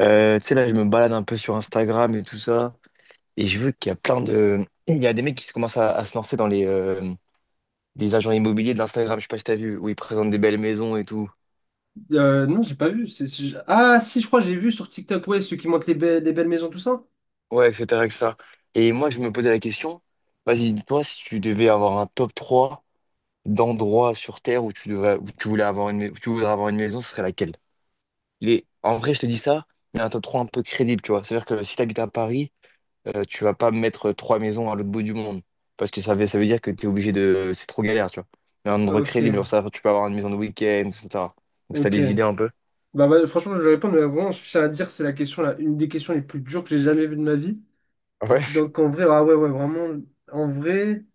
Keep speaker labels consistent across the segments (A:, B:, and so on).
A: Tu sais, là, je me balade un peu sur Instagram et tout ça, et je veux qu'il y a plein de... Il y a des mecs qui se commencent à se lancer dans les des agents immobiliers de l'Instagram, je sais pas si t'as vu, où ils présentent des belles maisons et tout.
B: Non, j'ai pas vu. Ah, si, je crois que j'ai vu sur TikTok, ouais, ceux qui montent les belles maisons, tout ça.
A: Ouais, etc., etc. Et cetera. Et moi, je me posais la question, vas-y, toi, si tu devais avoir un top 3 d'endroits sur Terre où tu devrais, où tu voulais avoir une, où tu voudrais avoir une maison, ce serait laquelle? En vrai, je te dis ça, mais un top 3 un peu crédible, tu vois. C'est-à-dire que si t'habites à Paris, tu vas pas mettre trois maisons à l'autre bout du monde. Parce que ça veut dire que tu es obligé de. C'est trop galère, tu vois. Mais un endroit
B: Ok,
A: crédible, genre ça, tu peux avoir une maison de week-end, etc. Donc ça
B: ok.
A: les idées un peu.
B: Bah, franchement, je vais répondre, mais vraiment, je tiens à dire, c'est la question, là, une des questions les plus dures que j'ai jamais vues de ma vie.
A: Ouais.
B: Donc, en vrai, ah ouais, ouais, vraiment, en vrai,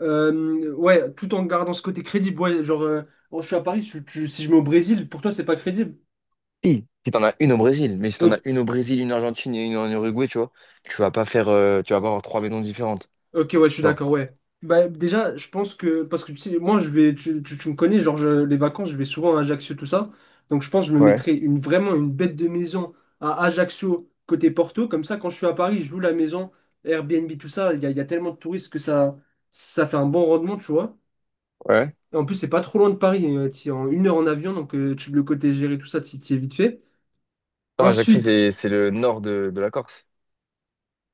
B: ouais, tout en gardant ce côté crédible, ouais, genre, oh, je suis à Paris, si je mets au Brésil, pour toi, c'est pas crédible.
A: Si, si t'en as une au Brésil, mais si t'en as
B: Ok,
A: une au Brésil, une en Argentine et une en Uruguay, tu vois, tu vas pas faire. Tu vas pas avoir trois maisons différentes.
B: ok, ouais, je suis
A: Tu vois.
B: d'accord, ouais. Bah, déjà, je pense que. Parce que tu sais, moi, je vais. Tu me connais, genre, les vacances, je vais souvent à Ajaccio, tout ça. Donc, je pense que je me
A: Ouais,
B: mettrai une, vraiment une bête de maison à Ajaccio, côté Porto. Comme ça, quand je suis à Paris, je loue la maison, Airbnb, tout ça. Il y a tellement de touristes que ça fait un bon rendement, tu vois.
A: ouais.
B: Et en plus, c'est pas trop loin de Paris. T'y es en une heure en avion, donc le côté gérer, tout ça, t'y es vite fait.
A: Non, Ajaccio, c'est
B: Ensuite,
A: c'est le nord de la Corse.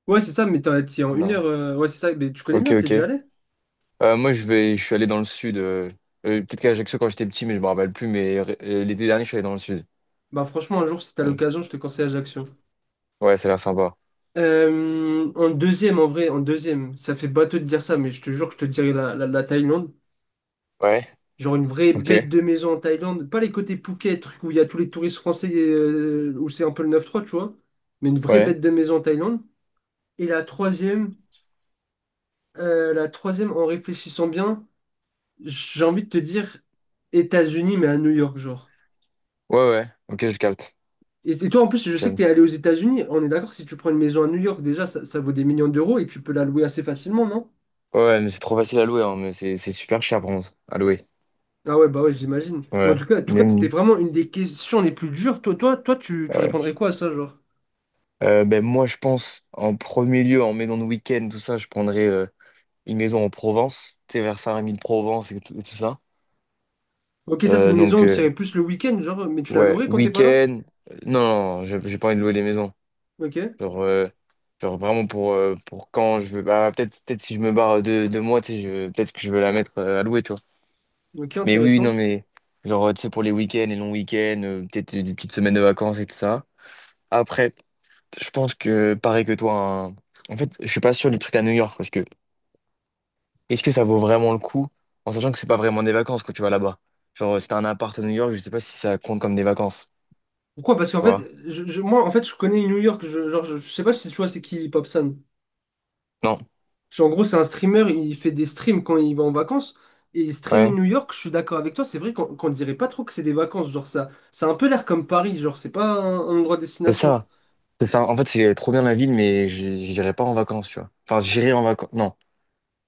B: ouais, c'est ça, mais t'y es en une heure.
A: Non.
B: Ouais, c'est ça, mais tu connais
A: Ok,
B: bien, t'y es déjà
A: ok.
B: allé?
A: Moi, je vais, je suis allé dans le sud. Peut-être qu'à Ajaccio, quand j'étais petit, mais je me rappelle plus. Mais l'été dernier, je suis allé dans le sud.
B: Bah, franchement, un jour, si t'as
A: Ouais,
B: l'occasion, je te conseille Ajaccio.
A: ouais, ça a l'air sympa.
B: En deuxième, en vrai, en deuxième, ça fait bateau de dire ça, mais je te jure que je te dirais la Thaïlande.
A: Ouais,
B: Genre une vraie
A: ok,
B: bête de maison en Thaïlande. Pas les côtés Phuket, truc où il y a tous les touristes français, où c'est un peu le 93, tu vois. Mais une vraie
A: ouais,
B: bête de maison en Thaïlande. Et la troisième, en réfléchissant bien, j'ai envie de te dire États-Unis, mais à New York, genre.
A: ouais, ouais, ok, je capte.
B: Et toi, en plus, je
A: Je
B: sais que t'es
A: capte.
B: allé aux États-Unis. On est d'accord, si tu prends une maison à New York, déjà, ça vaut des millions d'euros et tu peux la louer assez facilement, non?
A: Ouais, ouais, mais c'est trop facile à louer, hein, mais c'est super cher, bronze, à louer.
B: Ah ouais, bah ouais, j'imagine. Mais
A: Ouais,
B: en tout cas, c'était
A: Même-
B: vraiment une des questions les plus dures. Toi, toi, toi, tu
A: ouais.
B: répondrais quoi à ça, genre?
A: Ben, moi, je pense, en premier lieu, en maison de week-end, tout ça, je prendrais une maison en Provence, tu sais, vers Saint-Rémy de Provence et tout ça.
B: Ok, ça, c'est
A: Euh,
B: une maison
A: donc,
B: où tu irais plus le week-end, genre, mais tu la
A: ouais,
B: louerais quand t'es pas là?
A: week-end, non, non, j'ai pas envie de louer les maisons.
B: Ok,
A: Genre, genre vraiment pour quand je veux, bah, peut-être si je me barre de moi, tu sais, peut-être que je veux la mettre à louer, tu vois.
B: ok,
A: Mais oui, oui, non,
B: intéressant.
A: mais genre, tu sais, pour les week-ends, les longs week-ends, peut-être des petites semaines de vacances et tout ça. Après, je pense que, pareil que toi, en fait, je suis pas sûr du truc à New York parce que est-ce que ça vaut vraiment le coup en sachant que c'est pas vraiment des vacances quand tu vas là-bas? Genre, si t'as un appart à New York, je sais pas si ça compte comme des vacances,
B: Pourquoi? Parce qu'en
A: tu
B: fait,
A: vois?
B: moi, en fait, je connais New York. Je, genre, je sais pas si tu vois, c'est qui Popsan.
A: Non,
B: Genre, en gros, c'est un streamer, il fait des streams quand il va en vacances. Et streamer
A: ouais,
B: New York, je suis d'accord avec toi, c'est vrai qu'on dirait pas trop que c'est des vacances. Genre, ça a un peu l'air comme Paris, genre, c'est pas un endroit
A: c'est
B: destination.
A: ça. C'est ça. En fait, c'est trop bien la ville, mais j'irai pas en vacances, tu vois. Enfin, j'irai en vacances. Non,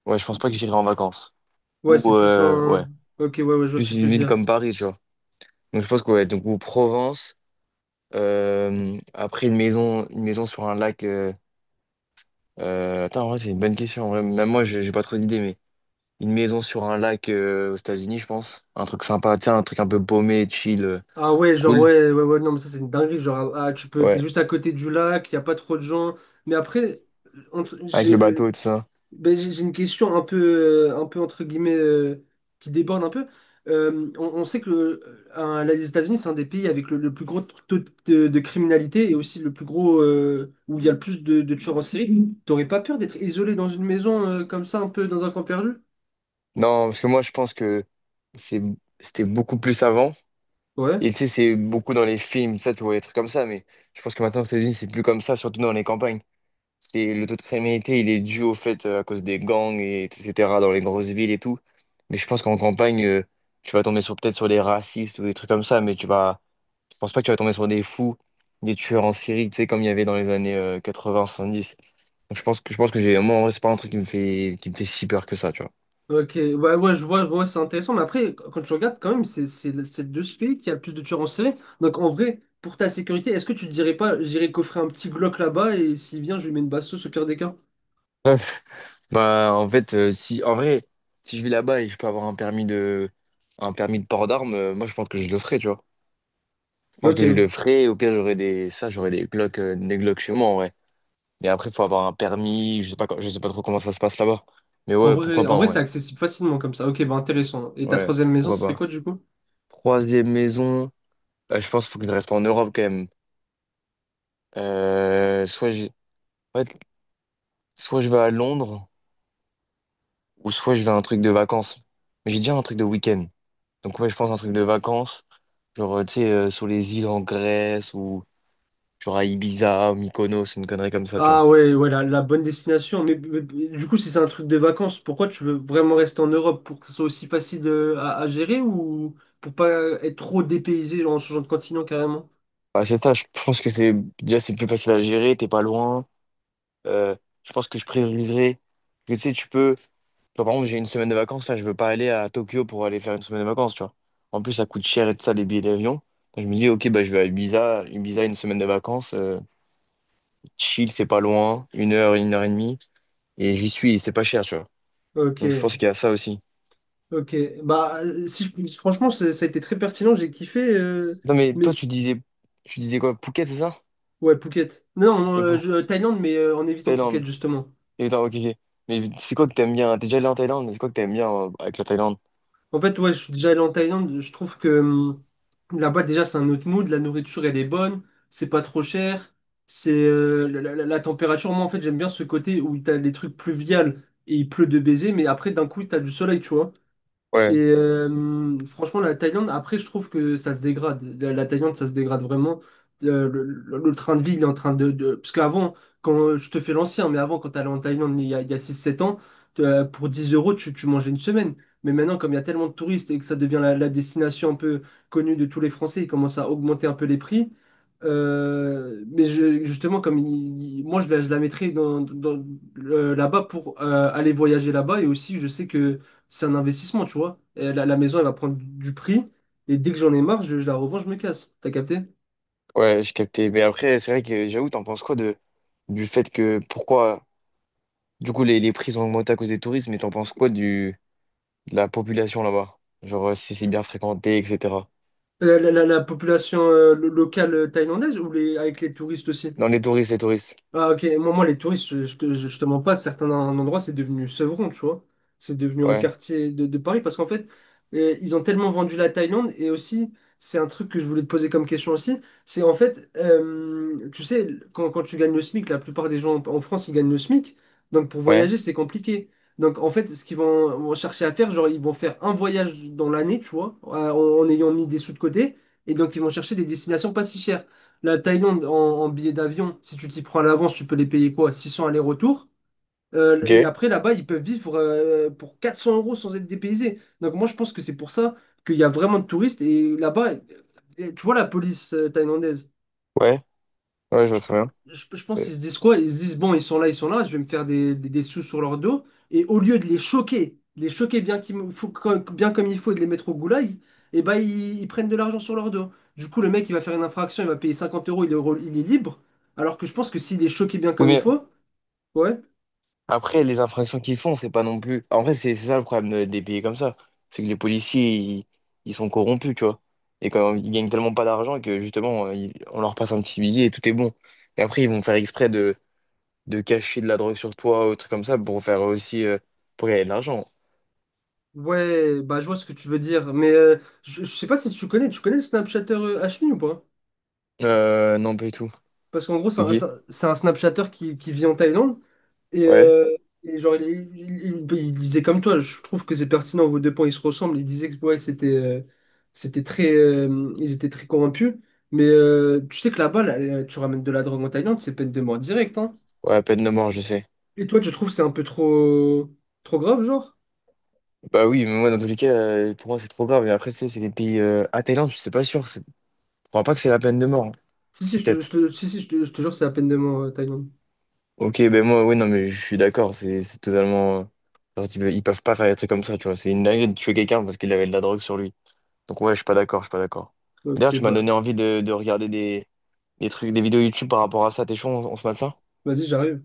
A: ouais, je pense pas que j'irai en vacances.
B: Ouais,
A: Ou,
B: c'est plus
A: ouais,
B: un. Ok, ouais, ouais, je
A: c'est
B: vois ce
A: plus
B: que tu
A: une
B: veux
A: ville
B: dire.
A: comme Paris, tu vois. Donc, je pense que, ouais, donc, ou Provence. Après, une maison sur un lac. Attends, en vrai, c'est une bonne question. En vrai. Même moi, j'ai pas trop d'idées, mais une maison sur un lac aux États-Unis, je pense. Un truc sympa, tiens, un truc un peu paumé, chill,
B: Ah ouais, genre,
A: cool.
B: ouais, ouais, ouais, non, mais ça, c'est une dinguerie. Genre, ah, ah, t'es
A: Ouais,
B: juste à côté du lac, il n'y a pas trop de gens. Mais après, entre-
A: avec
B: j'ai
A: le bateau
B: le-
A: et tout ça.
B: ben, j'ai une question un peu entre guillemets, qui déborde un peu. On sait que les États-Unis, c'est un des pays avec le plus gros taux de criminalité et aussi le plus gros, où il y a le plus de tueurs en série. T'aurais pas peur d'être isolé dans une maison, comme ça, un peu dans un camp perdu?
A: Non, parce que moi, je pense que c'est, c'était beaucoup plus avant.
B: Ouais.
A: Et tu sais, c'est beaucoup dans les films, ça, tu vois, des trucs comme ça, mais je pense que maintenant aux États-Unis, c'est plus comme ça, surtout dans les campagnes. C'est le taux de criminalité, il est dû au fait à cause des gangs et etc. dans les grosses villes et tout. Mais je pense qu'en campagne, tu vas tomber sur peut-être sur des racistes ou des trucs comme ça, mais tu vas, je pense pas que tu vas tomber sur des fous, des tueurs en série, tu sais, comme il y avait dans les années 80-70. Donc je pense que j'ai, moi, en vrai, c'est pas un truc qui me fait si peur que ça, tu vois.
B: Ok, ouais, ouais, je vois, ouais, c'est intéressant, mais après, quand tu regardes, quand même, c'est de ce pays qui a le plus de tueurs en série. Donc, en vrai, pour ta sécurité, est-ce que tu te dirais pas, j'irai coffrer un petit Glock là-bas et s'il vient, je lui mets une basse sauce au pire des cas?
A: Bref, bah en fait, si en vrai, si je vais là-bas et je peux avoir un permis de port d'armes, moi je pense que je le ferai, tu vois. Je pense
B: Ok,
A: que je le ferai. Au pire, j'aurai des Glock chez moi en vrai. Mais après, faut avoir un permis. Je sais pas, je sais pas trop comment ça se passe là-bas. Mais
B: bon,
A: ouais, pourquoi pas
B: en
A: en
B: vrai, c'est
A: vrai.
B: accessible facilement comme ça. Ok, bah intéressant. Et ta
A: Ouais,
B: troisième maison, ce
A: pourquoi
B: serait
A: pas.
B: quoi du coup?
A: Troisième maison. Je pense qu'il faut que je reste en Europe quand même. Soit j'ai, ouais, soit je vais à Londres ou soit je vais à un truc de vacances. Mais j'ai déjà un truc de week-end. Donc ouais, je pense un truc de vacances. Genre, tu sais, sur les îles en Grèce ou genre à Ibiza, Mykonos, une connerie comme ça, tu vois.
B: Ah ouais, ouais, la bonne destination. Mais du coup, si c'est un truc de vacances, pourquoi tu veux vraiment rester en Europe? Pour que ce soit aussi facile à gérer ou pour pas être trop dépaysé genre, en changeant de continent carrément?
A: Bah, c'est ça, je pense que c'est déjà c'est plus facile à gérer, t'es pas loin. Euh, je pense que je prioriserai. Parce que, tu sais, tu peux. Tu vois, par exemple, j'ai une semaine de vacances, là, je veux pas aller à Tokyo pour aller faire une semaine de vacances, tu vois. En plus, ça coûte cher et tout ça, les billets d'avion. Donc, je me dis, ok, bah, je vais à Ibiza, Ibiza, une semaine de vacances, chill, c'est pas loin, une heure et demie, et j'y suis, et c'est pas cher, tu vois.
B: Ok.
A: Donc, je pense qu'il y a ça aussi.
B: Ok, bah si je- franchement ça, ça a été très pertinent, j'ai kiffé,
A: Non, mais
B: mais
A: toi, tu disais quoi, Phuket, c'est ça?
B: ouais, Phuket. Non, non,
A: Et pour
B: Thaïlande, mais en évitant Phuket
A: Thaïlande.
B: justement.
A: Et attends, ok, ok. Mais c'est quoi que t'aimes bien? T'es déjà allé en Thaïlande, mais c'est quoi que t'aimes bien avec la Thaïlande?
B: En fait, ouais, je suis déjà allé en Thaïlande, je trouve que là-bas déjà c'est un autre mood, la nourriture elle est bonne, c'est pas trop cher, c'est la température, moi en fait j'aime bien ce côté où t'as les trucs pluviales et il pleut de baiser, mais après d'un coup t'as du soleil, tu vois. Et
A: Ouais,
B: franchement, la Thaïlande, après, je trouve que ça se dégrade. La Thaïlande, ça se dégrade vraiment. Le train de vie, il est en train. Parce qu'avant, quand je te fais l'ancien, mais avant, quand t'allais en Thaïlande, il y a six sept ans, pour 10 euros, tu mangeais une semaine. Mais maintenant, comme il y a tellement de touristes et que ça devient la destination un peu connue de tous les Français, ils commencent à augmenter un peu les prix. Mais justement, comme moi, je la mettrais là-bas pour aller voyager là-bas. Et aussi, je sais que c'est un investissement, tu vois. Et la maison, elle va prendre du prix. Et dès que j'en ai marre, je la revends, je me casse. T'as capté?
A: ouais, je captais. Mais après, c'est vrai que j'avoue, t'en penses quoi de du fait que pourquoi du coup les prix ont augmenté à cause des touristes, mais t'en penses quoi du de la population là-bas? Genre si c'est bien fréquenté, etc.
B: La population locale thaïlandaise ou avec les touristes aussi?
A: Non, les touristes, les touristes.
B: Ah, ok, moi, les touristes, je te mens pas, certains endroits, c'est devenu Sevron, tu vois. C'est devenu un
A: Ouais,
B: quartier de Paris parce qu'en fait, ils ont tellement vendu la Thaïlande et aussi, c'est un truc que je voulais te poser comme question aussi, c'est en fait, tu sais, quand tu gagnes le SMIC, la plupart des gens en France, ils gagnent le SMIC, donc pour
A: ouais,
B: voyager, c'est compliqué. Donc en fait, ce qu'ils vont chercher à faire, genre, ils vont faire un voyage dans l'année, tu vois, en ayant mis des sous de côté, et donc ils vont chercher des destinations pas si chères. La Thaïlande en billets d'avion, si tu t'y prends à l'avance, tu peux les payer quoi? 600 aller-retour.
A: ok,
B: Et après, là-bas, ils peuvent vivre pour 400 euros sans être dépaysés. Donc, moi, je pense que c'est pour ça qu'il y a vraiment de touristes. Et là-bas, et tu vois la police thaïlandaise.
A: ouais, ouais, je vois
B: Je,
A: très
B: pe-
A: bien.
B: je pense
A: Euh,
B: qu'ils se disent quoi? Ils se disent, bon, ils sont là, je vais me faire des sous sur leur dos. Et au lieu de les choquer bien, comme, bien comme il faut et de les mettre au goulag, et ben, ils prennent de l'argent sur leur dos. Du coup, le mec, il va faire une infraction, il va payer 50 euros, il est libre. Alors que je pense que s'il est choqué bien
A: Oui,
B: comme il
A: mais
B: faut, ouais.
A: après, les infractions qu'ils font, c'est pas non plus. En vrai, c'est ça le problème des pays comme ça. C'est que les policiers, ils sont corrompus, tu vois. Et quand ils gagnent tellement pas d'argent que justement, on leur passe un petit billet et tout est bon. Et après, ils vont faire exprès de cacher de la drogue sur toi ou trucs comme ça pour faire aussi pour gagner de l'argent.
B: Ouais, bah je vois ce que tu veux dire. Mais je sais pas si tu connais, tu connais le Snapchatter Hashmi ou pas?
A: Non, pas du tout.
B: Parce qu'en gros, c'est
A: C'est
B: un, c'est
A: qui?
B: un c'est un Snapchatter qui vit en Thaïlande. Et,
A: Ouais.
B: euh, et genre, il disait comme toi, je trouve que c'est pertinent, vos deux points, ils se ressemblent. Il disait que ouais, c'était c'était très, ils étaient très corrompus. Mais tu sais que là-bas, là, tu ramènes de la drogue en Thaïlande, c'est peine de mort directe. Hein.
A: Ouais, peine de mort, je sais.
B: Et toi, tu trouves que c'est un peu trop, trop grave, genre?
A: Bah oui, mais moi, dans tous les cas, pour moi, c'est trop grave. Et après, tu sais, c'est les pays. Ah, Thaïlande, je sais pas sûr. Je crois pas que c'est la peine de mort, hein.
B: Si, si,
A: Si,
B: je te, je
A: peut-être.
B: te- je te jure, c'est la peine de mort, Thaïlande.
A: Ok, ben moi, oui, non, mais je suis d'accord. C'est totalement, genre, ils peuvent pas faire des trucs comme ça, tu vois. C'est une dinguerie de tuer quelqu'un parce qu'il avait de la drogue sur lui. Donc, ouais, je suis pas d'accord, je suis pas d'accord.
B: Ok,
A: D'ailleurs, tu m'as
B: bah,
A: donné envie de regarder des trucs, des vidéos YouTube par rapport à ça. T'es chaud, on se mate ça?
B: vas-y, j'arrive.